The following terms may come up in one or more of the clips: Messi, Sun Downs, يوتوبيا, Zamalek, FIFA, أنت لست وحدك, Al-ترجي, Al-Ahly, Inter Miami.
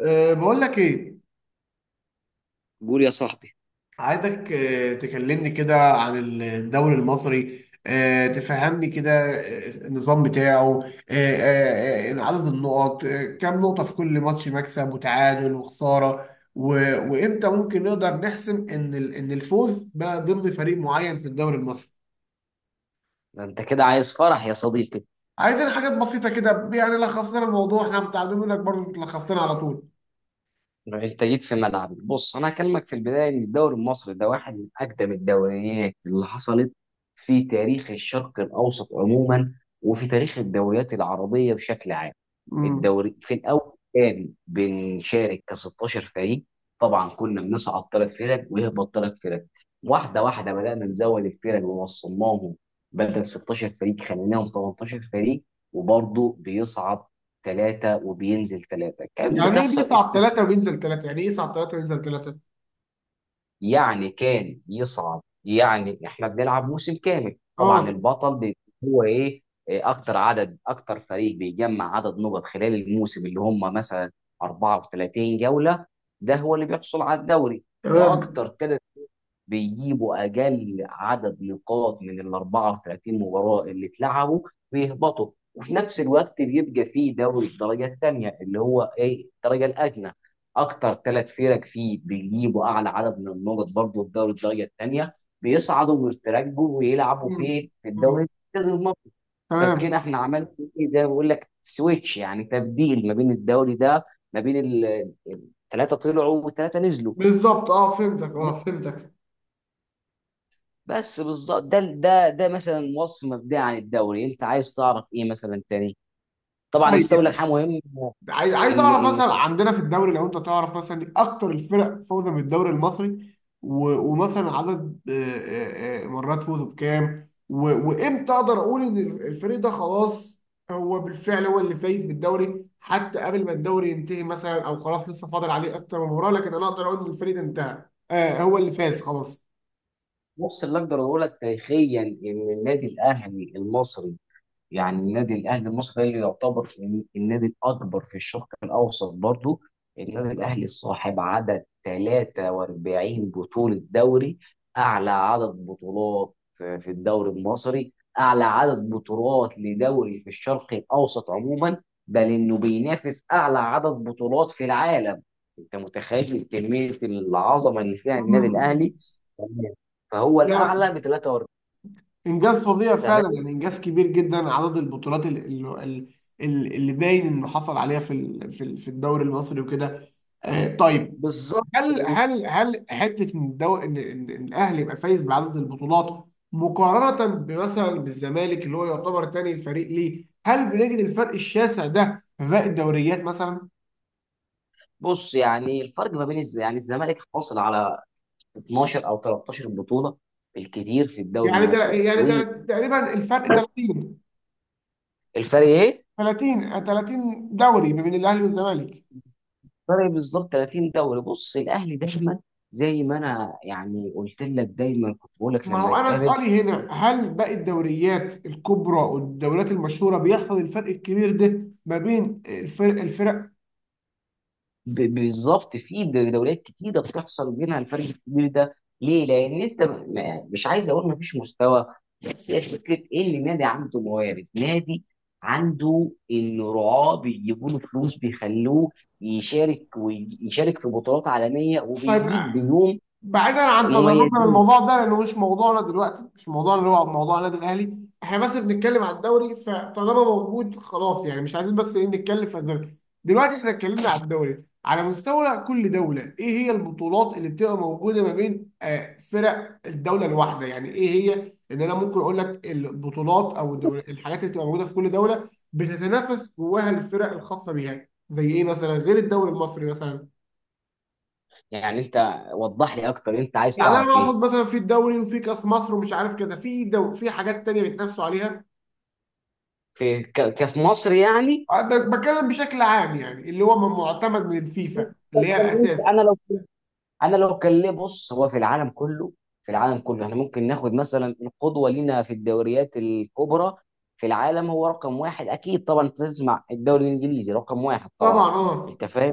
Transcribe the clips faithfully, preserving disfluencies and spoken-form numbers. أه، بقول لك ايه؟ قول يا صاحبي. عايزك أه، تكلمني كده عن الدوري المصري، أه، تفهمني كده، أه، النظام بتاعه، أه، أه، أه، عدد النقط، أه، كام نقطة في كل ماتش، مكسب وتعادل وخسارة. و- وامتى ممكن نقدر نحسم ان ال- ان الفوز بقى ضمن فريق معين في الدوري المصري؟ ده انت كده عايز فرح يا صديقي. عايزين حاجات بسيطة كده، يعني لخص لنا الموضوع، احنا متعلمين لك برضه لخصنا على طول. انت جيت في ملعبي. بص انا هكلمك في البدايه ان الدوري المصري ده واحد من اقدم الدوريات اللي حصلت في تاريخ الشرق الاوسط عموما، وفي تاريخ الدوريات العربيه بشكل عام. امم. الدوري في الاول كان بنشارك ك ستة عشر فريق. طبعا كنا بنصعد ثلاث فرق ويهبط ثلاث فرق. واحده واحده بدانا نزود الفرق ووصلناهم بدل ستاشر فريق خليناهم تمنتاشر فريق. وبرضه بيصعد ثلاثه وبينزل ثلاثه، كانت يعني ايه بتحصل بيصعد استثناءات. ثلاثة وبينزل ثلاثة؟ يعني ايه يصعد ثلاثة وينزل ثلاثة؟ يعني كان يصعد، يعني احنا بنلعب موسم كامل، طبعا اه. البطل بي- هو ايه، إيه اكتر عدد، اكتر فريق بيجمع عدد نقط خلال الموسم، اللي هم مثلا اربعة وتلاتين جولة، ده هو اللي بيحصل على الدوري. تمام. واكتر ثلاث بيجيبوا اقل عدد نقاط من ال اربع وثلاثين مباراه اللي اتلعبوا بيهبطوا. وفي نفس الوقت بيبقى فيه دوري الدرجه الثانيه اللي هو ايه الدرجه الادنى. اكتر ثلاث فرق فيه بيجيبوا اعلى عدد من النقط برضه في دوري الدرجه الثانيه، بيصعدوا ويترجوا ويلعبوا مم. في في مم. الدوري المركز المصري. فكده تمام. احنا عملنا ايه، ده بقول لك سويتش، يعني تبديل ما بين الدوري ده، ما بين ثلاثه طلعوا وثلاثه نزلوا. بالظبط، اه فهمتك، اه فهمتك. بس بالظبط ده ده ده مثلا وصف مبدئي عن الدوري. انت عايز تعرف ايه مثلا تاني؟ طبعا طيب استولى يعني حاجه مهمه. عاي- عايز ان اعرف ان مثلا، في عندنا في الدوري لو انت تعرف مثلا اكتر الفرق فوزا بالدوري المصري، و- ومثلا عدد آه، آه، آه، مرات فوزه بكام، و- وامتى اقدر اقول ان الفريق ده خلاص هو بالفعل هو اللي فايز بالدوري حتى قبل ما الدوري ينتهي مثلا، او خلاص لسه فاضل عليه اكتر من مباراه، لكن انا اقدر اقول ان الفريق ده انتهى، آه هو اللي فاز خلاص. النص اللي اقدر اقول لك تاريخيا ان النادي الاهلي المصري، يعني النادي الاهلي المصري اللي يعتبر النادي الاكبر في الشرق الاوسط برضو. النادي الاهلي صاحب عدد تلاتة واربعين بطوله دوري، اعلى عدد بطولات في الدوري المصري، اعلى عدد بطولات لدوري في الشرق الاوسط عموما، بل انه بينافس اعلى عدد بطولات في العالم. انت متخيل كميه العظمه اللي فيها النادي مم. الاهلي؟ مم. تمام. فهو لا، الاعلى ب ثلاث واربعين. انجاز فظيع فعلا، تمام، يعني انجاز كبير جدا، عدد البطولات اللي اللي, اللي باين انه حصل عليها في ال- في ال- في الدوري المصري وكده. آه، طيب. بالظبط. هل هل هل حته ان الدو... ان إن- إن الاهلي يبقى فايز بعدد البطولات مقارنه بمثلا بالزمالك اللي هو يعتبر تاني فريق ليه؟ هل بنجد الفرق الشاسع ده في باقي الدوريات مثلا؟ بص يعني الفرق ما بين الز... يعني الزمالك حاصل على اتناشر او تلتاشر بطوله بالكتير في الدوري يعني تل... المصري، يعني والفرق تل... تقريبا الفرق ثلاثين، ايه؟ ثلاثين، ثلاثين دوري ما بين الاهلي والزمالك. فرق بالظبط ثلاثين دوري. بص الاهلي دايما، زي ما انا يعني قلت لك دايما كنت بقول لك ما لما هو انا نتقابل، سؤالي هنا، هل باقي الدوريات الكبرى والدوريات المشهوره بيحصل الفرق الكبير ده ما بين الفرق الفرق ب- بالظبط في دوريات كتيره بتحصل بينها الفرق الكبير ده. ليه؟ لان انت م- م- مش عايز اقول مفيش مستوى، بس هي فكره ان النادي عنده موارد، نادي عنده انه رعاه بيجيبوا له فلوس، بيخلوه يشارك ويشارك في بطولات عالميه طيب وبيجيب نجوم بعيدا عن تدرجنا مميزين، للموضوع ده لانه مش موضوعنا دلوقتي، مش موضوعنا اللي هو موضوع النادي الاهلي، احنا بس بنتكلم على الدوري، فطالما موجود خلاص يعني مش عايزين، بس ايه نتكلم في الدوري. دلوقتي احنا اتكلمنا على الدوري على مستوى كل دوله، ايه هي البطولات اللي بتبقى موجوده ما بين آه، فرق الدوله الواحده، يعني ايه هي، ان انا ممكن اقول لك البطولات او الدول، الحاجات اللي بتبقى موجوده في كل دوله بتتنافس جواها الفرق الخاصه بيها زي ايه مثلا غير الدوري المصري مثلا؟ يعني. انت وضح لي اكتر، انت عايز يعني انا تعرف ايه؟ اقصد مثلا في الدوري وفي كاس مصر ومش عارف كده، في دو في حاجات تانية بيتنافسوا عليها. في ك- كفي مصر يعني. أه، ب- بتكلم بشكل عام يعني اللي هو م- معتمد من الفيفا اللي هي الاساس. انا لو انا لو كان ليه، بص هو في العالم كله، في العالم كله احنا ممكن ناخد مثلا القدوه لينا في الدوريات الكبرى في العالم. هو رقم واحد اكيد طبعا، انت تسمع الدوري الانجليزي رقم واحد طبعا طبعا. اه. انت فاهم؟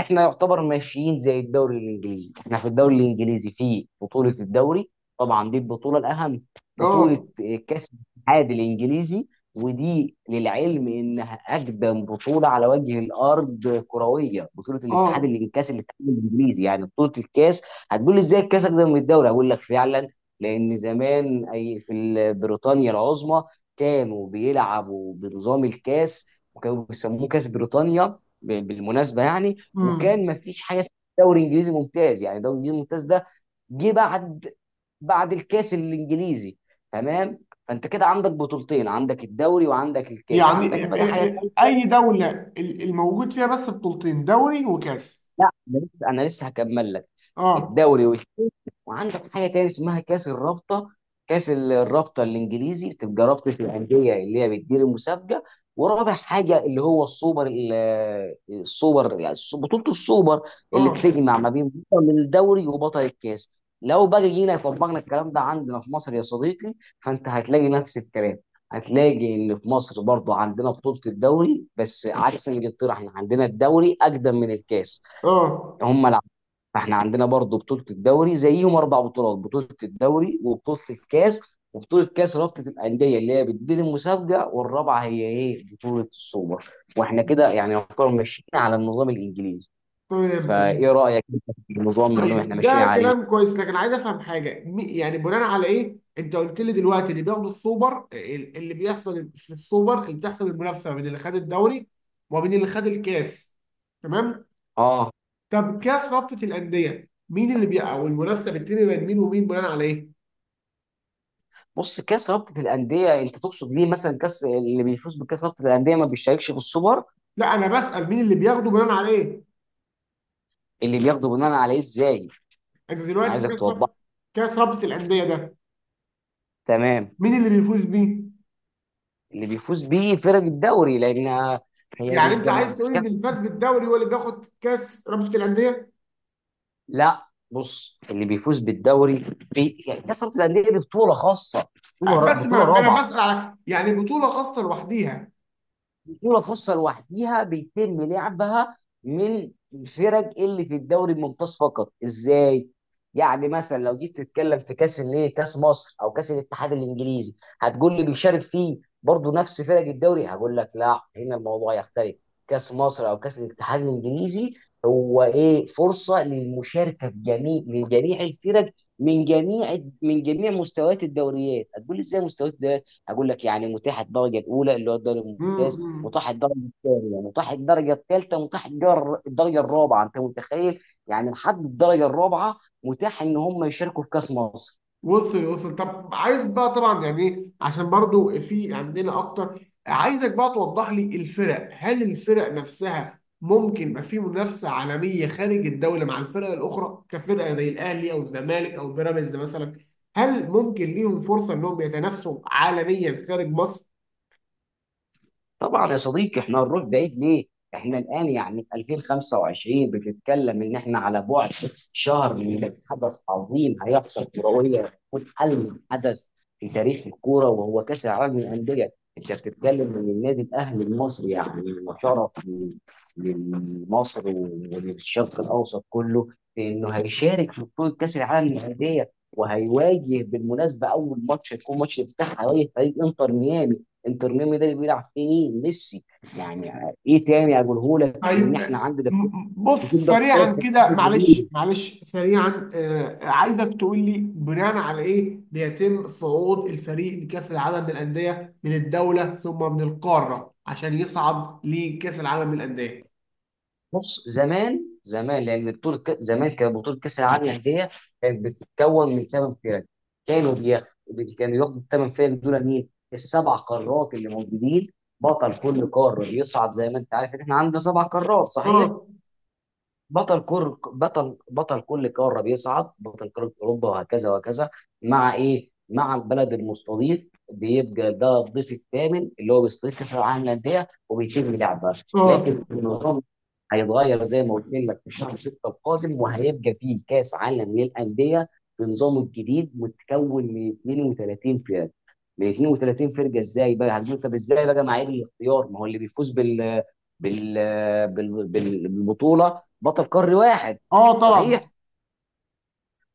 احنا يعتبر ماشيين زي الدوري الانجليزي. احنا في الدوري الانجليزي في بطولة الدوري، طبعا دي البطولة الاهم، اه بطولة كاس الاتحاد الانجليزي، ودي للعلم انها اقدم بطولة على وجه الارض كروية. بطولة الاتحاد اه. الإن- كاس الاتحاد الانجليزي، يعني بطولة الكاس. هتقول لي ازاي الكاس اقدم من الدوري؟ هقول لك فعلا. لان زمان، اي في ال- بريطانيا العظمى كانوا بيلعبوا بنظام الكاس، وكانوا بيسموه كاس بريطانيا ب- بالمناسبة يعني. امم. وكان ما فيش حاجه اسمها دوري انجليزي ممتاز. يعني دوري انجليزي ممتاز ده جه بعد بعد الكاس الانجليزي. تمام. فانت كده عندك بطولتين، عندك الدوري وعندك الكاس. يعني عندك ال- بقى حاجه تانيه، ال- اي دوله ال- الموجود فيها بس بطولتين، دوري وكاس؟ لا، انا لسه أنا لسه هكمل لك. اه. الدوري والكاس، وعندك حاجه تاني اسمها كاس الرابطه. كاس ال- الرابطه الانجليزي بتبقى رابطه الانديه اللي هي بتدير المسابقه. ورابع حاجه اللي هو السوبر، ال- السوبر، يعني الس- بطوله السوبر اللي اه بتجمع ما بين بطل الدوري وبطل الكاس. لو بقى جينا طبقنا الكلام ده عندنا في مصر يا صديقي، فانت هتلاقي نفس الكلام. هتلاقي ان في مصر برضو عندنا بطولة الدوري، بس عكس الانجلترا احنا عندنا الدوري اقدم من الكاس. اه. هم. فاحنا عندنا برضو بطولة الدوري زيهم، اربع بطولات: بطولة الدوري، وبطولة الكاس، وبطولة كاس رابطة الأندية اللي هي بتدير المسابقة، والرابعة هي ايه بطولة السوبر. واحنا كده يعني يعتبر ماشيين على النظام الإنجليزي. تمام تمام. فايه رأيك انت في النظام اللي احنا طيب ماشيين ده عليه؟ كلام كويس لكن عايز افهم حاجه، م- يعني بناء على ايه؟ انت قلت لي دلوقتي اللي بياخدوا السوبر، ال- اللي بيحصل في السوبر، اللي بتحصل المنافسه ما بين اللي خد الدوري وما بين اللي خد الكاس. تمام. اه، طب كاس رابطه الانديه مين اللي بي... او المنافسه بتتم بين مين ومين بناء على ايه؟ بص. كاس رابطة الأندية انت تقصد ليه مثلا كاس اللي بيفوز بكاس رابطة الأندية ما بيشاركش في السوبر، لا، انا بسال مين اللي بياخده بناء على ايه. اللي بياخده بناء عليه ازاي، انت انا دلوقتي عايزك كاس توضح. رابطه كاس رابطه الانديه ده، تمام. مين اللي بيفوز بيه؟ اللي بيفوز بيه فرق الدوري لأن هي يعني انت بيبقى، عايز تقول ان اللي فاز بالدوري هو اللي بياخد كاس رابطه الانديه؟ لا بص اللي بيفوز بالدوري بي... يعني كسبت الانديه دي بطوله خاصه، بطوله بس ما بطوله انا أنا رابعه. بسأل على يعني بطولة خاصة لوحديها. بطولة خاصة لوحديها بيتم لعبها من الفرق اللي في الدوري الممتاز فقط. ازاي؟ يعني مثلا لو جيت تتكلم في كاس الايه كاس مصر او كاس الاتحاد الانجليزي، هتقول لي بيشارك فيه برضه نفس فرق الدوري. هقول لك لا، هنا الموضوع يختلف. كاس مصر او كاس الاتحاد الانجليزي هو ايه فرصة للمشاركة في جميع من جميع الفرق من جميع من جميع مستويات الدوريات. هتقول لي ازاي مستويات الدوريات؟ هقول لك يعني متاحه الدرجه الاولى اللي هو الدوري الممتاز، امم. متاح الدرجه الثانيه، يعني متاح الدرجه الثالثه، متاح الجر- الدرجه الرابعه. انت متخيل يعني لحد الدرجه الرابعه متاح ان هم يشاركوا في كاس مصر؟ وصل وصل. طب عايز بقى طبعا، يعني ايه، عشان برضو في عندنا اكتر. عايزك بقى توضح لي الفرق، هل الفرق نفسها ممكن يبقى في منافسة عالمية خارج الدولة مع الفرق الأخرى كفرقة زي الأهلي أو الزمالك أو بيراميدز مثلا؟ هل ممكن ليهم فرصة إنهم يتنافسوا عالميا خارج مصر؟ طبعا يا صديقي، احنا هنروح بعيد ليه؟ احنا الان يعني في الفين وخمسة وعشرين بتتكلم، ان احنا على بعد شهر من حدث عظيم هيحصل كرويا، هيكون ألم حدث في تاريخ الكوره، وهو كاس العالم للانديه، انت بتتكلم ان النادي الاهلي المصري يعني وشرف ل- لمصر وللشرق الاوسط كله في انه هيشارك في بطوله كاس العالم للانديه، وهيواجه بالمناسبه اول ماتش، هيكون ماتش افتتاح، هيواجه فريق انتر ميامي. انتر ميامي ده اللي بيلعب فيه مين؟ ميسي. يعني ايه تاني اقولهولك ان طيب احنا آه، عندنا في، م- بص تقدر سريعا تتكلم كده، في معلش العالمية. معلش، سريعا، آه، عايزك تقول لي بناء على ايه بيتم صعود الفريق لكأس العالم للأندية من الدولة ثم من القارة عشان يصعد لكأس العالم للأندية؟ بص زمان، زمان لان بطوله ك- زمان كانت بطوله كاس العالم للانديه كانت بتتكون من ثمان فرق. كانوا بياخدوا كانوا ياخدوا الثمان فرق دول مين؟ السبع قارات اللي موجودين، بطل كل قاره بيصعد. زي ما انت عارف ان احنا عندنا سبع قارات صحيح؟ اه بطل كل بطل بطل كل قاره بيصعد، بطل قاره اوروبا وهكذا وهكذا، مع ايه؟ مع البلد المستضيف، بيبقى ده الضيف الثامن اللي هو بيستضيف كاس العالم للانديه وبيتم لعبها. لكن اه النظام هيتغير زي ما قلت لك في شهر ستة القادم، وهيبقى فيه كاس عالم للانديه بنظامه الجديد متكون من اثنين وثلاثين فرقه. من اتنين وتلاتين فرقه، ازاي بقى، هتقول طب ازاي بقى معايير الاختيار؟ ما هو اللي بيفوز بال بال بال- بال- بالبطوله بطل قاري واحد اه. طبعا. صحيح؟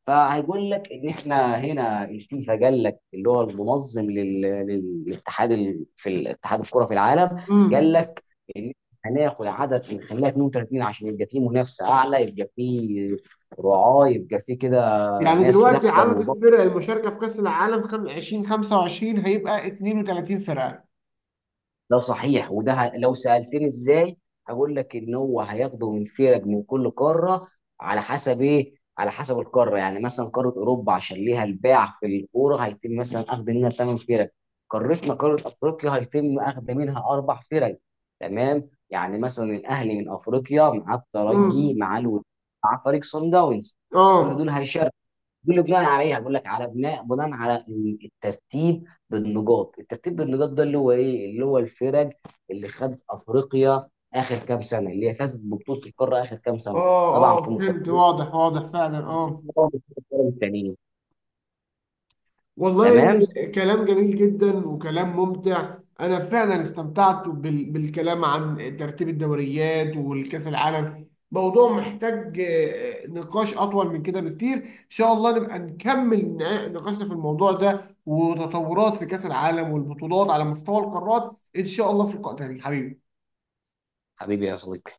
فهيقول لك ان احنا هنا الفيفا، قال لك اللي هو المنظم لل- لل- للاتحاد ال- في الاتحاد الكره في العالم، قال امم. لك ان هناخد عدد نخليها اتنين وتلاتين عشان يبقى فيه منافسه اعلى، يبقى فيه رعاه، يبقى فيه كده يعني ناس دلوقتي تحضر. عدد الفرق المشاركة في كأس العالم خم- ألفين وخمسة وعشرين هيبقى اتنين وتلاتين فرقة؟ ده صحيح. وده ه- لو سألتني ازاي، هقول لك ان هو هياخده من فرق من كل قاره على حسب ايه، على حسب القاره. يعني مثلا قاره اوروبا عشان ليها الباع في الكوره هيتم مثلا اخذ منها ثمان فرق، قارتنا قاره افريقيا هيتم اخذ منها اربع فرق. تمام. يعني مثلا الاهلي من افريقيا مع الترجي، امم. مع الود، مع فريق صن داونز، اه كل دول هيشاركوا. دول اللي بناء عليها بقول لك على بناء بناء على إن الترتيب بالنقاط. الترتيب بالنقاط ده اللي هو ايه اللي هو الفرق اللي خدت افريقيا اخر كام سنه، اللي هي فازت ببطوله القاره اخر كام سنه، اه طبعا في اه. فهمت، مقدمه واضح واضح فعلا. اه. التانيين. والله تمام. كلام جميل جدا وكلام ممتع. انا فعلا استمتعت بال- بالكلام عن ترتيب الدوريات والكاس العالم، موضوع محتاج آه، نقاش اطول من كده بكتير، ان شاء الله نبقى نكمل نا- نقاشنا في الموضوع ده وتطورات في كاس العالم والبطولات على مستوى القارات، ان شاء الله في لقاء تاني حبيبي. حبيبي يا صديقي.